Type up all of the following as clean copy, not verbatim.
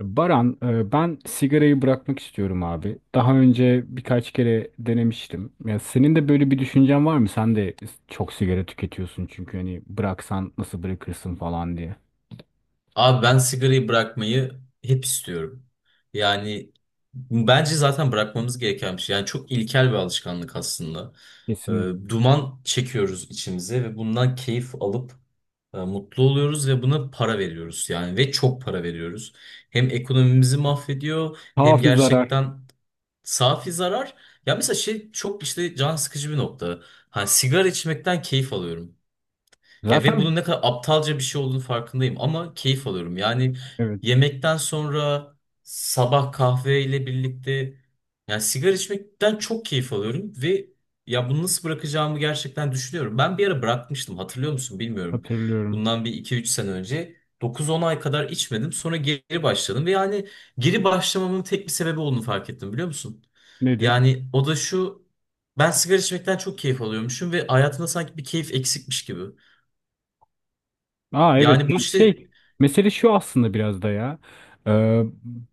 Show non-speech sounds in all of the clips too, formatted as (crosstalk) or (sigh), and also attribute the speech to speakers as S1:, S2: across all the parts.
S1: Baran, ben sigarayı bırakmak istiyorum abi. Daha önce birkaç kere denemiştim. Ya senin de böyle bir düşüncen var mı? Sen de çok sigara tüketiyorsun çünkü hani bıraksan nasıl bırakırsın falan diye.
S2: Abi ben sigarayı bırakmayı hep istiyorum. Yani bence zaten bırakmamız gereken bir şey. Yani çok ilkel bir alışkanlık aslında. Ee,
S1: Kesinlikle.
S2: Duman çekiyoruz içimize ve bundan keyif alıp mutlu oluyoruz ve buna para veriyoruz yani ve çok para veriyoruz. Hem ekonomimizi mahvediyor hem
S1: Kafi zarar.
S2: gerçekten safi zarar. Ya mesela şey çok işte can sıkıcı bir nokta. Hani sigara içmekten keyif alıyorum. Ya ve bunun
S1: Zaten
S2: ne kadar aptalca bir şey olduğunu farkındayım ama keyif alıyorum. Yani
S1: evet,
S2: yemekten sonra sabah kahveyle birlikte yani sigara içmekten çok keyif alıyorum ve ya bunu nasıl bırakacağımı gerçekten düşünüyorum. Ben bir ara bırakmıştım, hatırlıyor musun bilmiyorum.
S1: hatırlıyorum.
S2: Bundan bir iki üç sene önce 9-10 ay kadar içmedim, sonra geri başladım ve yani geri başlamamın tek bir sebebi olduğunu fark ettim, biliyor musun?
S1: Nedir?
S2: Yani o da şu, ben sigara içmekten çok keyif alıyormuşum ve hayatımda sanki bir keyif eksikmiş gibi.
S1: Aa, evet,
S2: Yani bu
S1: yani
S2: işte.
S1: şey mesele şu aslında biraz da ya, Ee,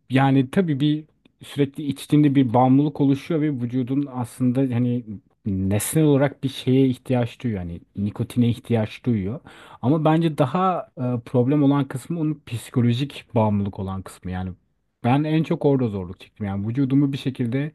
S1: yani tabii bir sürekli içtiğinde bir bağımlılık oluşuyor ve vücudun aslında hani nesnel olarak bir şeye ihtiyaç duyuyor yani nikotine ihtiyaç duyuyor ama bence daha problem olan kısmı onun psikolojik bağımlılık olan kısmı yani ben en çok orada zorluk çektim yani vücudumu bir şekilde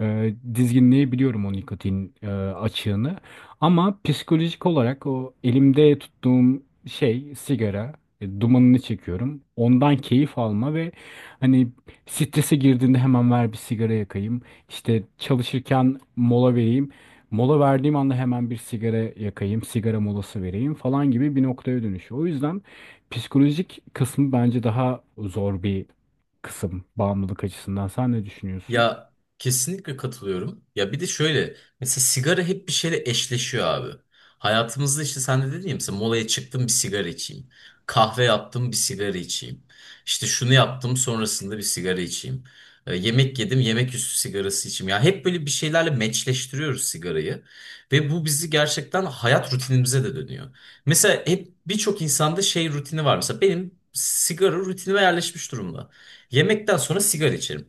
S1: dizginleyebiliyorum o nikotin açığını ama psikolojik olarak o elimde tuttuğum şey sigara, dumanını çekiyorum. Ondan keyif alma ve hani strese girdiğinde hemen ver bir sigara yakayım. İşte çalışırken mola vereyim. Mola verdiğim anda hemen bir sigara yakayım, sigara molası vereyim falan gibi bir noktaya dönüşüyor. O yüzden psikolojik kısmı bence daha zor bir kısım bağımlılık açısından. Sen ne düşünüyorsun?
S2: Ya kesinlikle katılıyorum. Ya bir de şöyle, mesela sigara hep bir şeyle eşleşiyor abi. Hayatımızda işte sen de dedin ya, mesela molaya çıktım bir sigara içeyim. Kahve yaptım bir sigara içeyim. İşte şunu yaptım sonrasında bir sigara içeyim. Yemek yedim yemek üstü sigarası içeyim. Ya hep böyle bir şeylerle meçleştiriyoruz sigarayı. Ve bu bizi gerçekten hayat rutinimize de dönüyor. Mesela hep birçok insanda şey rutini var. Mesela benim sigara rutinime yerleşmiş durumda. Yemekten sonra sigara içerim.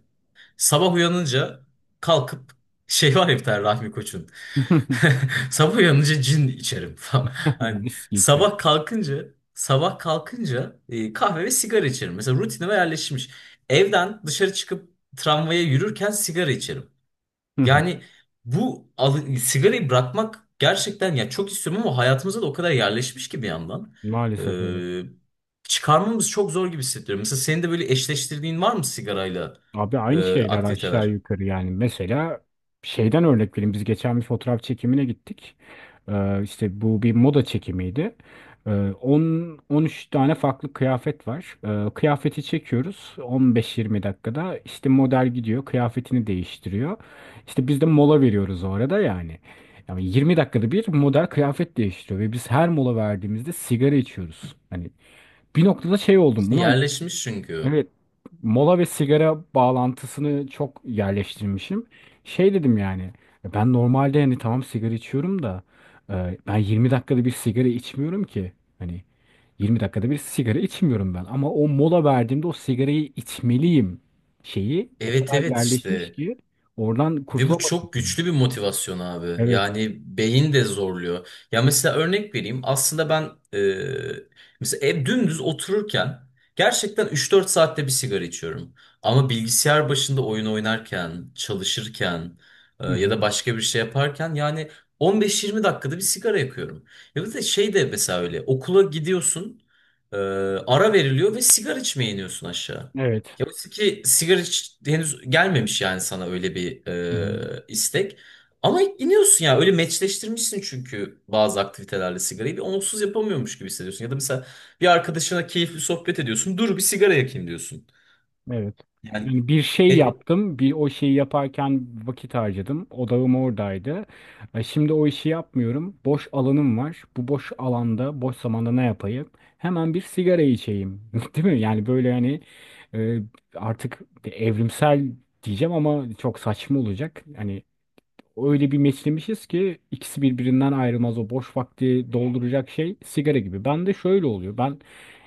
S2: Sabah uyanınca kalkıp şey var ya bir tane Rahmi Koç'un.
S1: (laughs)
S2: (laughs) Sabah uyanınca cin içerim falan. (laughs) Hani
S1: Viski içer.
S2: sabah kalkınca sabah kalkınca kahve ve sigara içerim. Mesela rutinime yerleşmiş. Evden dışarı çıkıp tramvaya yürürken sigara içerim.
S1: Hı hı.
S2: Yani bu sigarayı bırakmak gerçekten, ya çok istiyorum ama hayatımıza da o kadar yerleşmiş ki bir yandan.
S1: Maalesef evet.
S2: Çıkarmamız çok zor gibi hissediyorum. Mesela senin de böyle eşleştirdiğin var mı sigarayla
S1: Abi, aynı şeyler aşağı
S2: aktiviteler?
S1: yukarı yani. Mesela şeyden örnek vereyim. Biz geçen bir fotoğraf çekimine gittik. İşte bu bir moda çekimiydi. Ee, 10 13 tane farklı kıyafet var. Kıyafeti çekiyoruz 15-20 dakikada. İşte model gidiyor, kıyafetini değiştiriyor. İşte biz de mola veriyoruz o arada yani. Yani 20 dakikada bir model kıyafet değiştiriyor ve biz her mola verdiğimizde sigara içiyoruz. Hani bir noktada şey oldum.
S2: İşte
S1: Ulan.
S2: yerleşmiş çünkü.
S1: Evet, mola ve sigara bağlantısını çok yerleştirmişim. Şey dedim yani, ben normalde hani tamam sigara içiyorum da ben 20 dakikada bir sigara içmiyorum ki. Hani 20 dakikada bir sigara içmiyorum ben ama o mola verdiğimde o sigarayı içmeliyim şeyi o
S2: Evet,
S1: kadar
S2: evet,
S1: yerleşmiş
S2: işte.
S1: ki oradan
S2: Ve bu çok
S1: kurtulamadım.
S2: güçlü bir motivasyon abi.
S1: Evet.
S2: Yani beyin de zorluyor. Ya mesela örnek vereyim. Aslında ben e, mesela ev dümdüz otururken gerçekten 3-4 saatte bir sigara içiyorum. Ama bilgisayar başında oyun oynarken, çalışırken
S1: Hı
S2: ya
S1: hı.
S2: da başka bir şey yaparken yani 15-20 dakikada bir sigara yakıyorum. Ya bir de şey de mesela öyle okula gidiyorsun, e, ara veriliyor ve sigara içmeye iniyorsun aşağı.
S1: Evet.
S2: Ya oysa ki sigara hiç henüz gelmemiş, yani sana öyle bir
S1: Hı hı.
S2: istek. Ama iniyorsun, ya öyle meçleştirmişsin çünkü bazı aktivitelerle sigarayı bir onsuz yapamıyormuş gibi hissediyorsun. Ya da mesela bir arkadaşına keyifli sohbet ediyorsun. Dur bir sigara yakayım diyorsun.
S1: Evet.
S2: Yani
S1: Yani bir şey
S2: e,
S1: yaptım, bir o şeyi yaparken vakit harcadım. Odağım oradaydı. Şimdi o işi yapmıyorum. Boş alanım var. Bu boş alanda, boş zamanda ne yapayım? Hemen bir sigara içeyim. (laughs) Değil mi? Yani böyle hani e, artık bir evrimsel diyeceğim ama çok saçma olacak. Hani öyle bir meçlemişiz ki ikisi birbirinden ayrılmaz. O boş vakti dolduracak şey sigara gibi. Ben de şöyle oluyor. Ben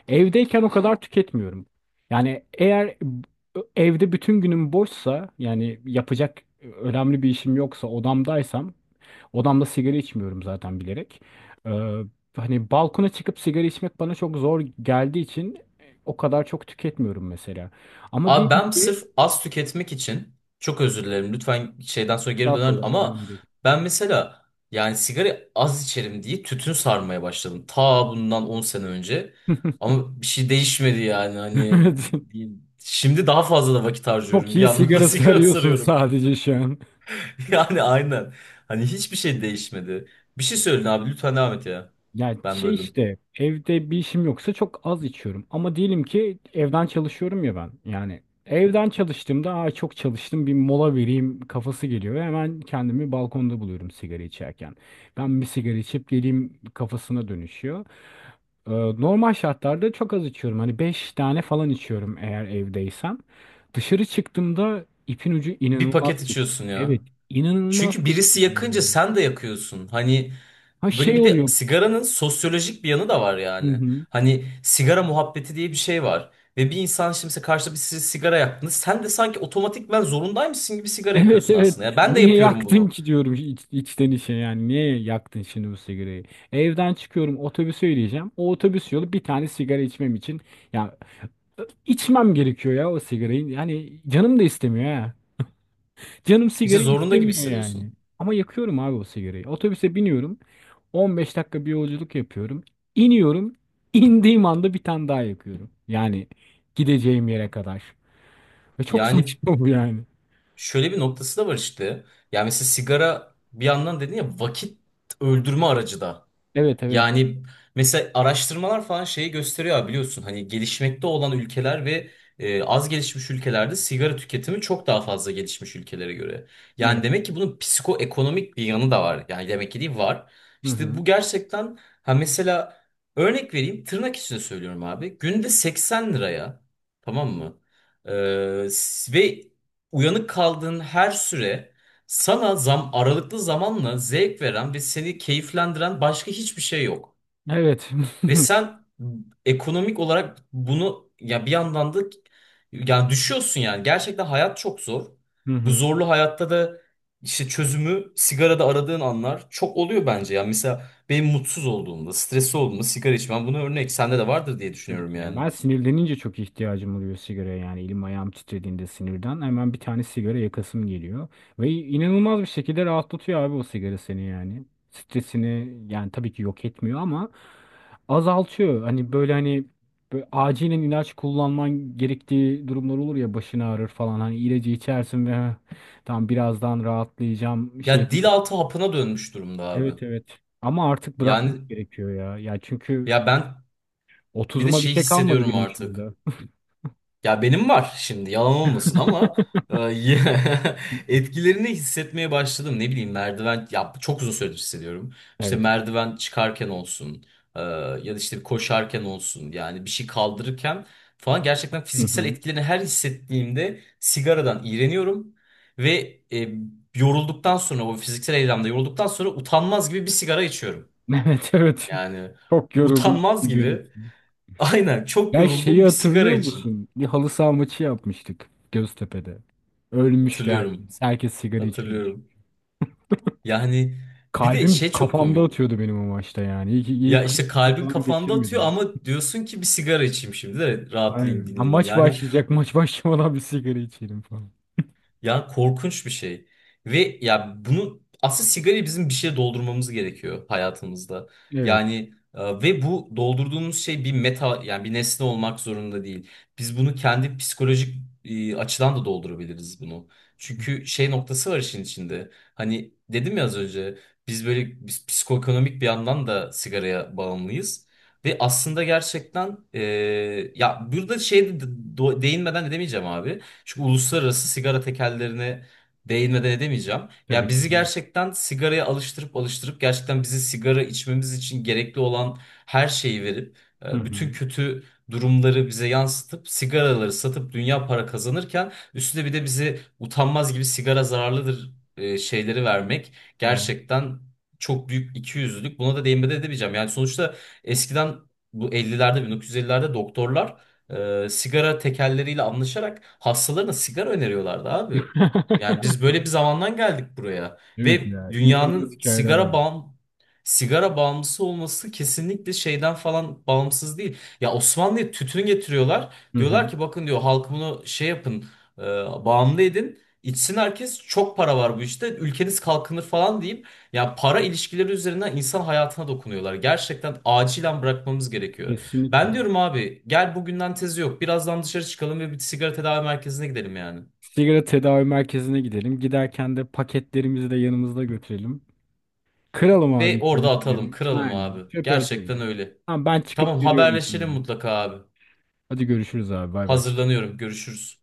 S1: evdeyken o kadar tüketmiyorum. Yani eğer evde bütün günüm boşsa yani yapacak önemli bir işim yoksa odamdaysam odamda sigara içmiyorum zaten bilerek. Ee, hani balkona çıkıp sigara içmek bana çok zor geldiği için o kadar çok tüketmiyorum mesela. Ama
S2: Abi
S1: diyelim
S2: ben
S1: ki
S2: sırf az tüketmek için çok özür dilerim, lütfen şeyden sonra geri dönerim
S1: estağfurullah,
S2: ama
S1: önemli değil.
S2: ben mesela yani sigara az içerim diye tütün sarmaya başladım. Ta bundan 10 sene önce
S1: (laughs)
S2: ama bir şey değişmedi, yani hani
S1: Evet.
S2: şimdi daha fazla da vakit
S1: Çok
S2: harcıyorum bir
S1: iyi
S2: yandan da (laughs)
S1: sigarası
S2: sigara
S1: arıyorsun
S2: sarıyorum.
S1: sadece şu an.
S2: Yani aynen hani hiçbir şey değişmedi. Bir şey söyleyin abi, lütfen devam et ya,
S1: Ya
S2: ben
S1: şey
S2: böldüm.
S1: işte evde bir işim yoksa çok az içiyorum. Ama diyelim ki evden çalışıyorum ya ben. Yani evden çalıştığımda aa, çok çalıştım bir mola vereyim kafası geliyor. Ve hemen kendimi balkonda buluyorum sigara içerken. Ben bir sigara içip geleyim kafasına dönüşüyor. Normal şartlarda çok az içiyorum. Hani 5 tane falan içiyorum eğer evdeysem. Dışarı çıktığımda ipin ucu
S2: Bir
S1: inanılmaz
S2: paket
S1: kaçıyor.
S2: içiyorsun ya.
S1: Evet, inanılmaz
S2: Çünkü
S1: kaçıyor.
S2: birisi yakınca sen de yakıyorsun. Hani
S1: Ha,
S2: böyle
S1: şey
S2: bir de
S1: oluyor.
S2: sigaranın sosyolojik bir yanı da var
S1: Hı
S2: yani.
S1: hı.
S2: Hani sigara muhabbeti diye bir şey var. Ve bir insan şimdi mesela karşıda bir size sigara yaktığında sen de sanki otomatikman zorundaymışsın gibi sigara
S1: Evet,
S2: yakıyorsun
S1: evet.
S2: aslında. Ya ben de
S1: Niye
S2: yapıyorum
S1: yaktın
S2: bunu.
S1: ki diyorum içten içe yani. Niye yaktın şimdi bu sigarayı? Evden çıkıyorum otobüse yürüyeceğim. O otobüs yolu bir tane sigara içmem için. Ya içmem gerekiyor ya o sigarayı. Yani canım da istemiyor ha. Canım
S2: İşte
S1: sigara
S2: zorunda gibi
S1: istemiyor yani.
S2: hissediyorsun.
S1: Ama yakıyorum abi o sigarayı. Otobüse biniyorum. 15 dakika bir yolculuk yapıyorum. İniyorum. İndiğim anda bir tane daha yakıyorum. Yani gideceğim yere kadar. Ve çok
S2: Yani
S1: saçma bu yani.
S2: şöyle bir noktası da var işte. Yani mesela sigara bir yandan dedin ya, vakit öldürme aracı da.
S1: Evet, evet.
S2: Yani mesela araştırmalar falan şeyi gösteriyor abi, biliyorsun hani gelişmekte olan ülkeler ve az gelişmiş ülkelerde sigara tüketimi çok daha fazla gelişmiş ülkelere göre. Yani
S1: Evet.
S2: demek ki bunun psikoekonomik bir yanı da var. Yani demek ki değil var.
S1: Hı
S2: İşte
S1: hı.
S2: bu gerçekten, ha mesela örnek vereyim, tırnak içinde söylüyorum abi. Günde 80 liraya, tamam mı? Ve uyanık kaldığın her süre sana zam aralıklı zamanla zevk veren ve seni keyiflendiren başka hiçbir şey yok.
S1: Evet.
S2: Ve sen ekonomik olarak bunu ya bir yandan da yani düşüyorsun yani. Gerçekten hayat çok zor.
S1: (laughs) Hı
S2: Bu
S1: hı.
S2: zorlu hayatta da işte çözümü sigarada aradığın anlar çok oluyor bence. Yani mesela benim mutsuz olduğumda, stresli olduğumda sigara içmem, bunu örnek sende de vardır diye
S1: Tabii
S2: düşünüyorum
S1: ki. Yani
S2: yani.
S1: ben sinirlenince çok ihtiyacım oluyor sigaraya yani elim ayağım titrediğinde sinirden hemen bir tane sigara yakasım geliyor. Ve inanılmaz bir şekilde rahatlatıyor abi o sigara seni yani. Stresini yani tabii ki yok etmiyor ama azaltıyor. Hani böyle hani böyle acilen ilaç kullanman gerektiği durumlar olur ya başın ağrır falan. Hani ilacı içersin ve "Heh, tamam, birazdan rahatlayacağım şey."
S2: Ya dil altı hapına dönmüş durumda abi.
S1: Evet, evet. Ama artık
S2: Yani
S1: bırakmak gerekiyor ya. Ya çünkü
S2: ya ben bir de
S1: 30'uma bir
S2: şey
S1: şey kalmadı
S2: hissediyorum
S1: benim
S2: artık.
S1: şurada.
S2: Ya benim var şimdi, yalan olmasın ama
S1: (laughs)
S2: e, (laughs) etkilerini hissetmeye başladım. Ne bileyim merdiven, ya çok uzun süredir hissediyorum. İşte
S1: Evet.
S2: merdiven çıkarken olsun ya da işte koşarken olsun yani bir şey kaldırırken falan, gerçekten
S1: Hı
S2: fiziksel
S1: hı.
S2: etkilerini her hissettiğimde sigaradan iğreniyorum ve e, yorulduktan sonra, o fiziksel eylemde yorulduktan sonra utanmaz gibi bir sigara içiyorum.
S1: (laughs) Evet, evet.
S2: Yani
S1: Çok yoruldum
S2: utanmaz gibi
S1: gerekiyor.
S2: (laughs) aynen, çok
S1: Ya şeyi
S2: yoruldum bir sigara
S1: hatırlıyor
S2: içeyim,
S1: musun? Bir halı saha maçı yapmıştık Göztepe'de. Ölmüştü
S2: hatırlıyorum.
S1: herkes. Herkes sigara içiyordu.
S2: Hatırlıyorum. Yani bir de
S1: Kalbim
S2: şey çok
S1: kafamda
S2: komik.
S1: atıyordu benim o maçta yani. İyi ki
S2: Ya
S1: kalp
S2: işte
S1: krizi
S2: kalbin
S1: falan
S2: kafanda atıyor
S1: geçirmedim.
S2: ama diyorsun ki bir sigara içeyim şimdi de rahatlayayım,
S1: Aynen. Ha,
S2: dinleneyim.
S1: maç
S2: Yani
S1: başlayacak. Maç başlamadan bir sigara içelim falan.
S2: ya, korkunç bir şey. Ve ya bunu aslında, sigarayı bizim bir şeye doldurmamız gerekiyor hayatımızda.
S1: Evet.
S2: Yani ve bu doldurduğumuz şey bir meta, yani bir nesne olmak zorunda değil. Biz bunu kendi psikolojik açıdan da doldurabiliriz bunu. Çünkü şey noktası var işin içinde. Hani dedim ya az önce, biz böyle biz psikoekonomik bir yandan da sigaraya bağımlıyız. Ve aslında gerçekten ya burada şey değinmeden edemeyeceğim abi. Şu uluslararası sigara tekellerine değinmeden edemeyeceğim. Ya
S1: Tabii ki,
S2: bizi
S1: değil mi?
S2: gerçekten sigaraya alıştırıp alıştırıp, gerçekten bizi sigara içmemiz için gerekli olan her şeyi verip
S1: Hı
S2: bütün
S1: hı.
S2: kötü durumları bize yansıtıp sigaraları satıp dünya para kazanırken, üstüne bir de bizi utanmaz gibi sigara zararlıdır şeyleri vermek
S1: Evet.
S2: gerçekten çok büyük ikiyüzlülük. Buna da değinmeden edemeyeceğim. Yani sonuçta eskiden, bu 50'lerde 1950'lerde doktorlar sigara tekerleriyle anlaşarak hastalarına sigara öneriyorlardı abi. Yani biz
S1: (laughs)
S2: böyle bir zamandan geldik buraya
S1: Evet
S2: ve
S1: ya. İnanılmaz
S2: dünyanın
S1: hikayeler var.
S2: sigara bağımlısı olması kesinlikle şeyden falan bağımsız değil. Ya Osmanlı'ya tütün getiriyorlar.
S1: Hı
S2: Diyorlar
S1: hı.
S2: ki bakın, diyor, halk bunu şey yapın, e, bağımlı edin. İçsin herkes, çok para var, bu işte ülkeniz kalkınır falan deyip ya, para ilişkileri üzerinden insan hayatına dokunuyorlar. Gerçekten acilen bırakmamız gerekiyor.
S1: Kesinlikle.
S2: Ben diyorum abi, gel bugünden tezi yok. Birazdan dışarı çıkalım ve bir sigara tedavi merkezine gidelim yani.
S1: Sigara tedavi merkezine gidelim. Giderken de paketlerimizi de yanımızda götürelim. Kıralım abi
S2: Ve orada atalım,
S1: içindekileri.
S2: kıralım
S1: Aynen.
S2: abi.
S1: Çöpe
S2: Gerçekten
S1: atalım.
S2: öyle.
S1: Tamam ben çıkıp
S2: Tamam,
S1: geliyorum
S2: haberleşelim
S1: şimdi.
S2: mutlaka abi.
S1: Hadi görüşürüz abi. Bay bay.
S2: Hazırlanıyorum. Görüşürüz.